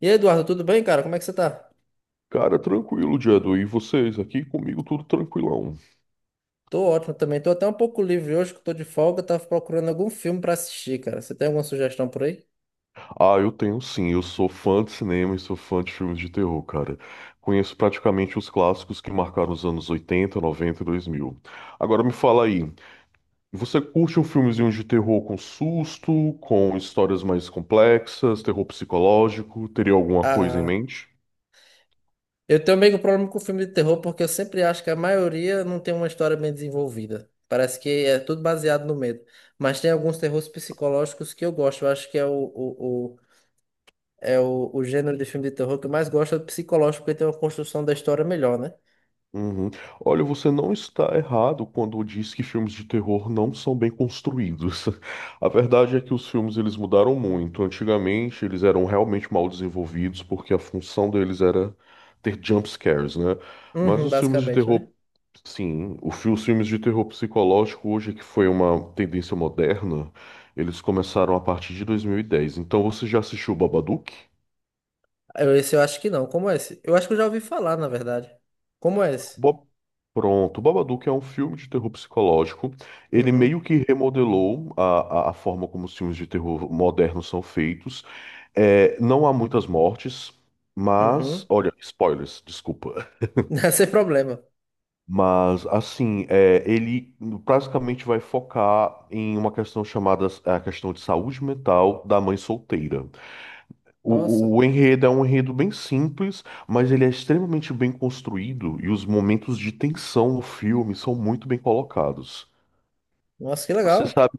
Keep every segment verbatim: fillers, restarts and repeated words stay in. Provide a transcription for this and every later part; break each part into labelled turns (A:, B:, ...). A: E aí, Eduardo, tudo bem, cara? Como é que você tá?
B: Cara, tranquilo, Jadu. E vocês aqui comigo, tudo tranquilão.
A: Tô ótimo também. Tô até um pouco livre hoje, que eu tô de folga. Tava procurando algum filme pra assistir, cara. Você tem alguma sugestão por aí?
B: Ah, eu tenho sim. Eu sou fã de cinema e sou fã de filmes de terror, cara. Conheço praticamente os clássicos que marcaram os anos oitenta, noventa, e dois mil. Agora me fala aí, você curte um filmezinho de terror com susto, com histórias mais complexas, terror psicológico? Teria alguma coisa em
A: Ah,
B: mente?
A: eu tenho meio que um problema com filme de terror, porque eu sempre acho que a maioria não tem uma história bem desenvolvida. Parece que é tudo baseado no medo. Mas tem alguns terrores psicológicos que eu gosto. Eu acho que é o, o, o- é o, o gênero de filme de terror que eu mais gosto é o psicológico, porque tem uma construção da história melhor, né?
B: Uhum. Olha, você não está errado quando diz que filmes de terror não são bem construídos. A verdade é que os filmes eles mudaram muito. Antigamente eles eram realmente mal desenvolvidos porque a função deles era ter jump scares, né? Mas
A: Uhum,
B: os filmes de
A: basicamente,
B: terror,
A: né?
B: sim, o fi- os filmes de terror psicológico hoje que foi uma tendência moderna, eles começaram a partir de dois mil e dez. Então você já assistiu Babadook?
A: Eu- Esse eu acho que não. Como é esse? Eu acho que eu já ouvi falar, na verdade. Como é esse?
B: Bob... Pronto, Babadook é um filme de terror psicológico. Ele
A: Uhum,
B: meio que remodelou a, a, a forma como os filmes de terror modernos são feitos. É, não há muitas mortes, mas.
A: uhum.
B: Olha, spoilers, desculpa.
A: Não é. Sem problema.
B: Mas, assim, é, ele basicamente vai focar em uma questão chamada é, a questão de saúde mental da mãe solteira.
A: Nossa,
B: O, o enredo é um enredo bem simples, mas ele é extremamente bem construído e os momentos de tensão no filme são muito bem colocados.
A: nossa, que
B: Você
A: legal.
B: sabe,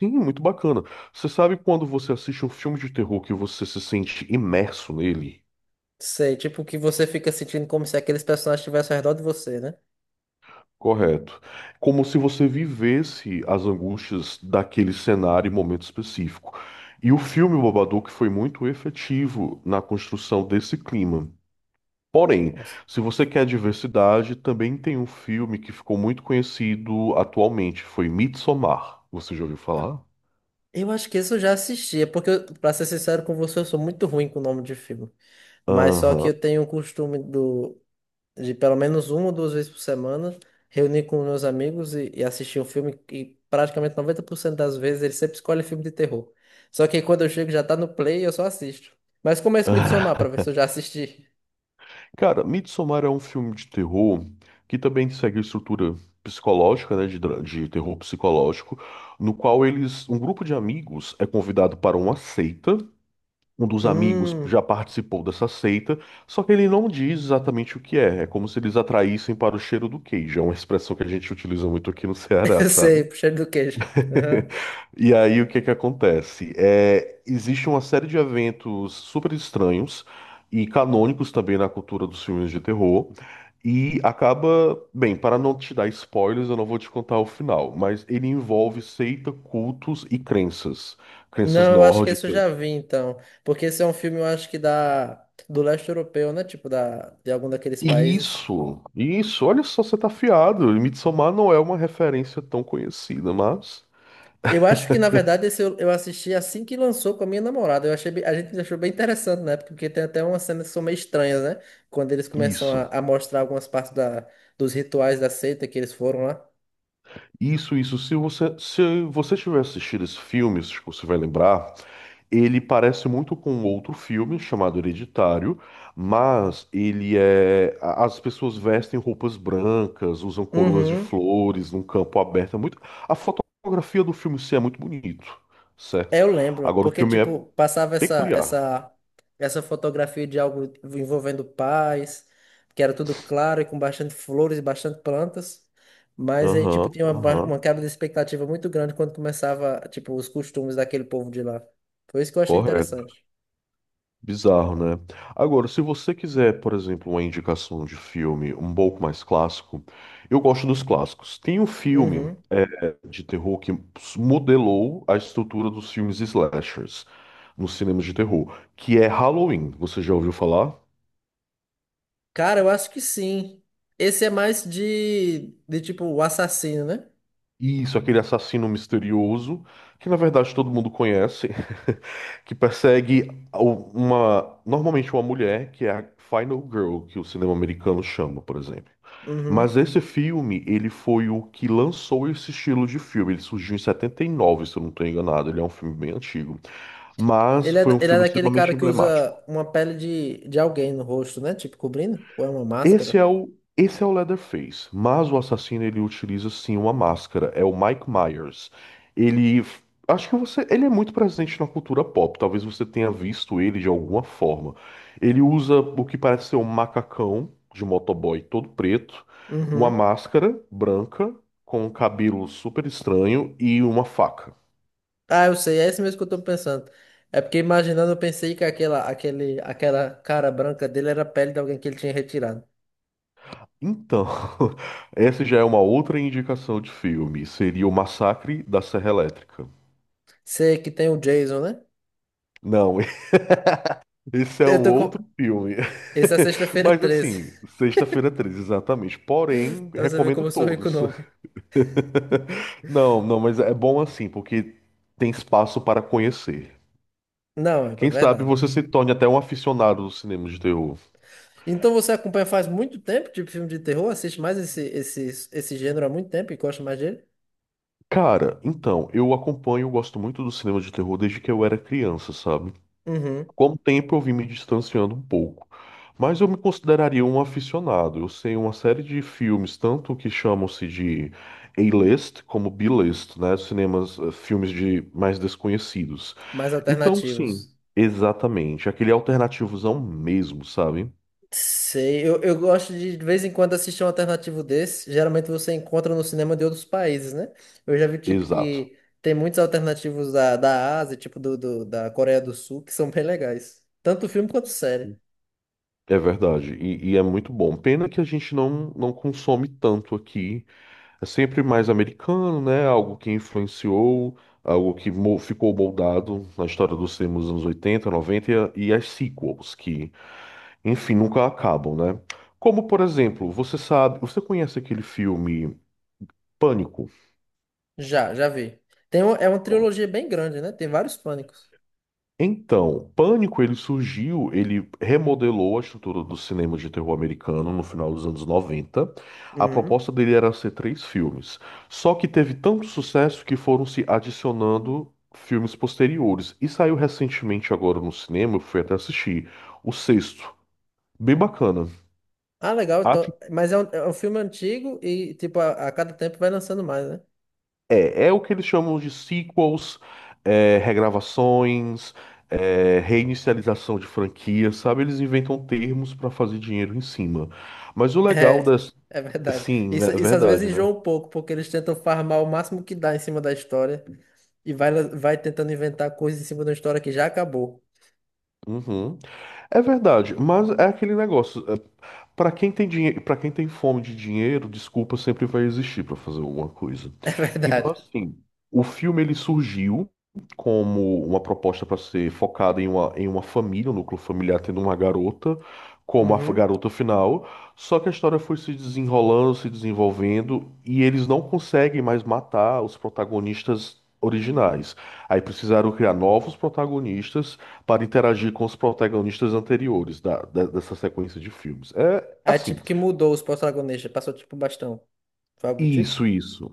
B: sim, muito bacana. Você sabe quando você assiste um filme de terror que você se sente imerso nele?
A: Sei, tipo que você fica sentindo como se aqueles personagens estivessem ao redor de você, né?
B: Correto. Como se você vivesse as angústias daquele cenário e momento específico. E o filme O Babadook foi muito efetivo na construção desse clima. Porém,
A: Nossa.
B: se você quer diversidade, também tem um filme que ficou muito conhecido atualmente, foi Midsommar. Você já ouviu falar?
A: Eu acho que isso eu já assisti, é porque, eu- pra ser sincero com você, eu sou muito ruim com o nome de filme. Mas só que
B: Aham.
A: eu tenho o costume do. De pelo menos uma ou duas vezes por semana, reunir com meus amigos e, e assistir um filme e praticamente noventa por cento das vezes ele sempre escolhe filme de terror. Só que quando eu chego já tá no play e eu só assisto. Mas começa a me dissomar pra ver se eu já assisti.
B: Cara, Midsommar é um filme de terror que também segue a estrutura psicológica, né, de, dra- de terror psicológico, no qual eles, um grupo de amigos é convidado para uma seita. Um dos amigos
A: Hum,
B: já participou dessa seita, só que ele não diz exatamente o que é. É como se eles atraíssem para o cheiro do queijo. É uma expressão que a gente utiliza muito aqui no Ceará,
A: eu
B: sabe?
A: sei, pro cheiro do queijo. Aham.
B: E aí o que que acontece? É, existe uma série de eventos super estranhos e canônicos também na cultura dos filmes de terror. E acaba, bem, para não te dar spoilers, eu não vou te contar o final, mas ele envolve seita, cultos e crenças. Crenças
A: Não, eu acho que esse eu
B: nórdicas.
A: já vi, então. Porque esse é um filme, eu acho que da, do leste europeu, né? Tipo, da, de algum daqueles países.
B: Isso, isso, olha só, você tá afiado. Midsommar não é uma referência tão conhecida, mas
A: Eu acho que, na verdade, esse eu, eu assisti assim que lançou com a minha namorada. Eu achei, bem- a gente achou bem interessante, né? Porque tem até umas cenas que são meio estranhas, né? Quando eles começam a,
B: isso,
A: a mostrar algumas partes da, dos rituais da seita que eles foram lá.
B: isso, isso. Se você, se você tiver assistido esse filme, se você vai lembrar, ele parece muito com outro filme chamado Hereditário, mas ele é. a- As pessoas vestem roupas brancas, usam coroas de
A: Uhum.
B: flores num campo aberto. É muito. A fotografia do filme em si é muito bonito,
A: É,
B: certo?
A: eu lembro,
B: Agora o
A: porque
B: filme é
A: tipo, passava essa
B: peculiar.
A: essa essa fotografia de algo envolvendo paz, que era tudo claro e com bastante flores e bastante plantas, mas aí tipo
B: Aham,
A: tinha uma, ba- uma
B: aham.
A: quebra de expectativa muito grande quando começava, tipo, os costumes daquele povo de lá. Foi isso que eu achei
B: Correto.
A: interessante.
B: Bizarro, né? Agora, se você quiser, por exemplo, uma indicação de filme um pouco mais clássico, eu gosto dos clássicos. Tem um filme
A: Uhum.
B: é, de terror que modelou a estrutura dos filmes slashers nos cinemas de terror, que é Halloween. Você já ouviu falar?
A: Cara, eu acho que sim. Esse é mais de de tipo o assassino, né?
B: Isso, aquele assassino misterioso, que na verdade todo mundo conhece, que persegue o- uma, normalmente uma mulher, que é a Final Girl, que o cinema americano chama, por exemplo.
A: Uhum.
B: Mas esse filme, ele foi o que lançou esse estilo de filme. Ele surgiu em setenta e nove, se eu não estou enganado. Ele é um filme bem antigo. Mas
A: Ele é,
B: foi um
A: ele é
B: filme
A: daquele cara
B: extremamente
A: que
B: emblemático.
A: usa uma pele de, de alguém no rosto, né? Tipo, cobrindo? Ou é uma
B: Esse
A: máscara?
B: é o, esse é o Leatherface, mas o assassino ele utiliza sim uma máscara, é o Mike Myers. Ele, acho que você, ele é muito presente na cultura pop, talvez você tenha visto ele de alguma forma. Ele usa o que parece ser um macacão de motoboy todo preto, uma
A: Uhum.
B: máscara branca com um cabelo super estranho e uma faca.
A: Ah, eu sei, é esse mesmo que eu tô pensando. É porque imaginando, eu pensei que aquela, aquele, aquela cara branca dele era a pele de alguém que ele tinha retirado.
B: Então, essa já é uma outra indicação de filme, seria o Massacre da Serra Elétrica.
A: Sei que tem o Jason, né?
B: Não, Esse é
A: Eu
B: um
A: tô
B: outro
A: com...
B: filme.
A: Esse é sexta-feira
B: Mas
A: treze
B: assim, Sexta-feira treze, exatamente. Porém,
A: Então você vê
B: recomendo
A: como eu sou rico o
B: todos.
A: nome.
B: Não, não, mas é bom assim, porque tem espaço para conhecer.
A: Não, é pra-
B: Quem sabe
A: verdade.
B: você se torne até um aficionado do cinema de terror.
A: Então você acompanha faz muito tempo, tipo filme de terror? Assiste mais esse, esse, esse gênero há muito tempo e gosta mais dele?
B: Cara, então, eu acompanho, eu gosto muito do cinema de terror desde que eu era criança, sabe?
A: Uhum.
B: Com o tempo eu vim me distanciando um pouco, mas eu me consideraria um aficionado. Eu sei uma série de filmes, tanto que chamam-se de A-list como B-list, né? Cinemas, eh, filmes de mais desconhecidos.
A: Mais
B: Então, sim,
A: alternativos.
B: exatamente. Aquele alternativozão mesmo, sabe?
A: Sei, eu, eu gosto de, de vez em quando assistir um alternativo desse. Geralmente você encontra no cinema de outros países, né? Eu já vi, tipo,
B: Exato.
A: que tem muitos alternativos da, da Ásia, tipo, do, do- da Coreia do Sul, que são bem legais. Tanto filme quanto série.
B: É verdade. E, e é muito bom. Pena que a gente não, não consome tanto aqui. É sempre mais americano, né? Algo que influenciou, algo que mo- ficou moldado na história do cinema dos anos oitenta, noventa e a- e as sequels, que, enfim, nunca acabam, né? Como, por exemplo, você sabe, você conhece aquele filme Pânico?
A: Já, já vi. Tem um- é uma trilogia bem grande, né? Tem vários pânicos.
B: Então, Pânico ele surgiu, ele remodelou a estrutura do cinema de terror americano no final dos anos noventa. A
A: Uhum.
B: proposta dele era ser três filmes. Só que teve tanto sucesso que foram se adicionando filmes posteriores. E saiu recentemente agora no cinema, eu fui até assistir, o sexto. Bem bacana.
A: Ah, legal. Então, mas é um, é um filme antigo e, tipo, a, a cada tempo vai lançando mais, né?
B: É, é o que eles chamam de sequels, é, regravações, é, reinicialização de franquias, sabe? Eles inventam termos para fazer dinheiro em cima. Mas o legal
A: É,
B: das.
A: é verdade.
B: Sim, né?
A: Isso,
B: é
A: isso às
B: verdade,
A: vezes enjoa
B: né?
A: um pouco, porque eles tentam farmar o máximo que dá em cima da história e vai, vai tentando inventar coisas em cima de uma história que já acabou.
B: Uhum. É verdade, mas é aquele negócio. É, para quem tem dinheiro, para quem tem fome de dinheiro, desculpa sempre vai existir para fazer alguma coisa.
A: É
B: Então,
A: verdade.
B: assim, o filme ele surgiu como uma proposta para ser focada em uma, em uma família, um núcleo familiar tendo uma garota como a f-
A: Uhum.
B: garota final, só que a história foi se desenrolando, se desenvolvendo e eles não conseguem mais matar os protagonistas originais. Aí precisaram criar novos protagonistas para interagir com os protagonistas anteriores da- da- dessa sequência de filmes. É
A: Aí,
B: Assim,
A: tipo, que mudou os protagonistas, passou tipo bastão. Foi algo do tipo?
B: isso, isso.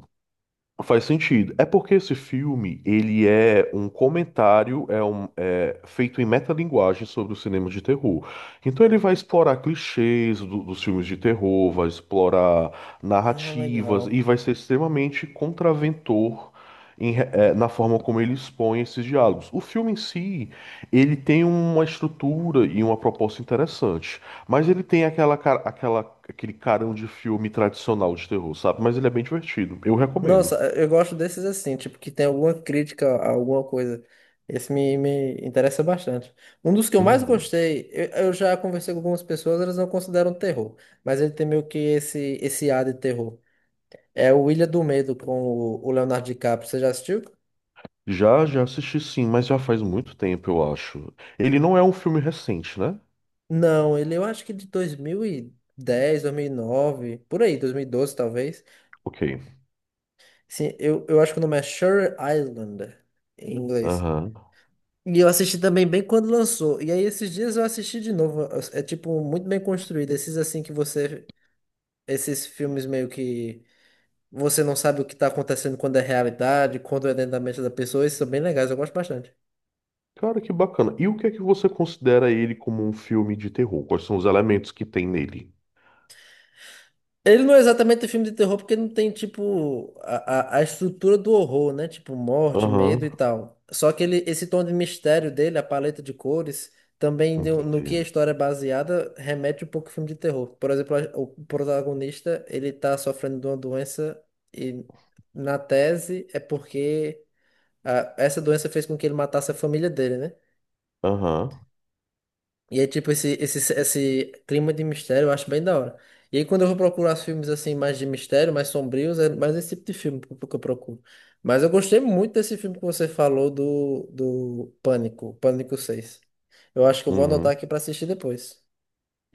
B: Faz sentido. É porque esse filme, ele é um comentário, é um é, feito em metalinguagem sobre o cinema de terror. Então ele vai explorar clichês do- dos filmes de terror, vai explorar
A: Ah,
B: narrativas e
A: legal.
B: vai ser extremamente contraventor em re- é, na forma como ele expõe esses diálogos. O filme em si, ele tem uma estrutura e uma proposta interessante, mas ele tem aquela, cara- aquela, aquele carão de filme tradicional de terror, sabe? Mas ele é bem divertido. Eu recomendo.
A: Nossa, eu gosto desses assim, tipo, que tem alguma crítica a alguma coisa. Esse me, me interessa bastante. Um dos que eu mais
B: Uhum.
A: gostei, eu, eu já conversei com algumas pessoas, elas não consideram terror, mas ele tem meio que esse, esse ar de terror. É o Ilha do Medo com o o Leonardo DiCaprio. Você já assistiu?
B: Já, já assisti sim, mas já faz muito tempo, eu acho. Ele não é um filme recente, né?
A: Não, ele eu acho que de dois mil e dez, dois mil e nove, por aí, dois mil e doze talvez.
B: Ok.
A: Sim, eu, eu acho que o nome é Shutter Island em inglês.
B: Aham.
A: E eu assisti também bem quando lançou. E aí esses dias eu assisti de novo. É é, tipo muito bem construído. Esses assim que você. Esses filmes meio que você não sabe o que tá acontecendo quando é realidade, quando é dentro da mente da pessoa. Esses são bem legais, eu gosto bastante.
B: Cara, que bacana. E o que é que você considera ele como um filme de terror? Quais são os elementos que tem nele?
A: Ele não é exatamente um filme de terror porque não tem, tipo, a, a, a estrutura do horror, né? Tipo, morte, medo e
B: Aham.
A: tal. Só que ele, esse tom de mistério dele, a paleta de cores, também deu- no
B: Entendi.
A: que a história é baseada, remete um pouco ao filme de terror. Por exemplo, a- o protagonista, ele tá sofrendo de uma doença e na tese é porque a- essa doença fez com que ele matasse a família dele, né?
B: Aham.
A: E é tipo, esse, esse, esse clima de mistério eu acho bem da hora. E aí, quando eu vou procurar os filmes assim, mais de mistério, mais sombrios, é mais esse tipo de filme que eu que eu procuro. Mas eu gostei muito desse filme que você falou do, do Pânico, Pânico seis. Eu acho que eu vou anotar
B: Uhum.
A: aqui pra assistir depois.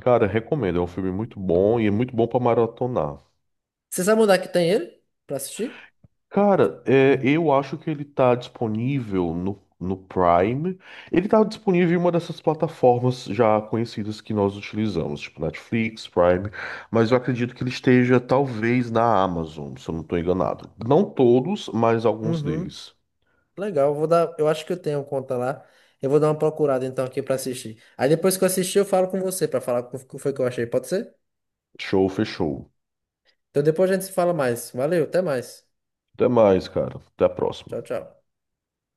B: Cara, recomendo. É um filme muito bom e é muito bom pra maratonar.
A: Você sabe onde é que tem ele? Pra assistir?
B: Cara, é, eu acho que ele tá disponível no, no Prime. Ele tá disponível em uma dessas plataformas já conhecidas que nós utilizamos, tipo Netflix, Prime, mas eu acredito que ele esteja talvez na Amazon, se eu não tô enganado. Não todos, mas alguns
A: Uhum.
B: deles.
A: Legal, eu vou dar. Eu acho que eu tenho conta lá. Eu vou dar uma procurada então aqui pra assistir. Aí depois que eu assistir, eu falo com você pra falar o que foi que eu achei. Pode ser?
B: Show, fechou.
A: Então depois a gente se fala mais. Valeu, até mais.
B: Até mais, cara. Até a próxima.
A: Tchau, tchau.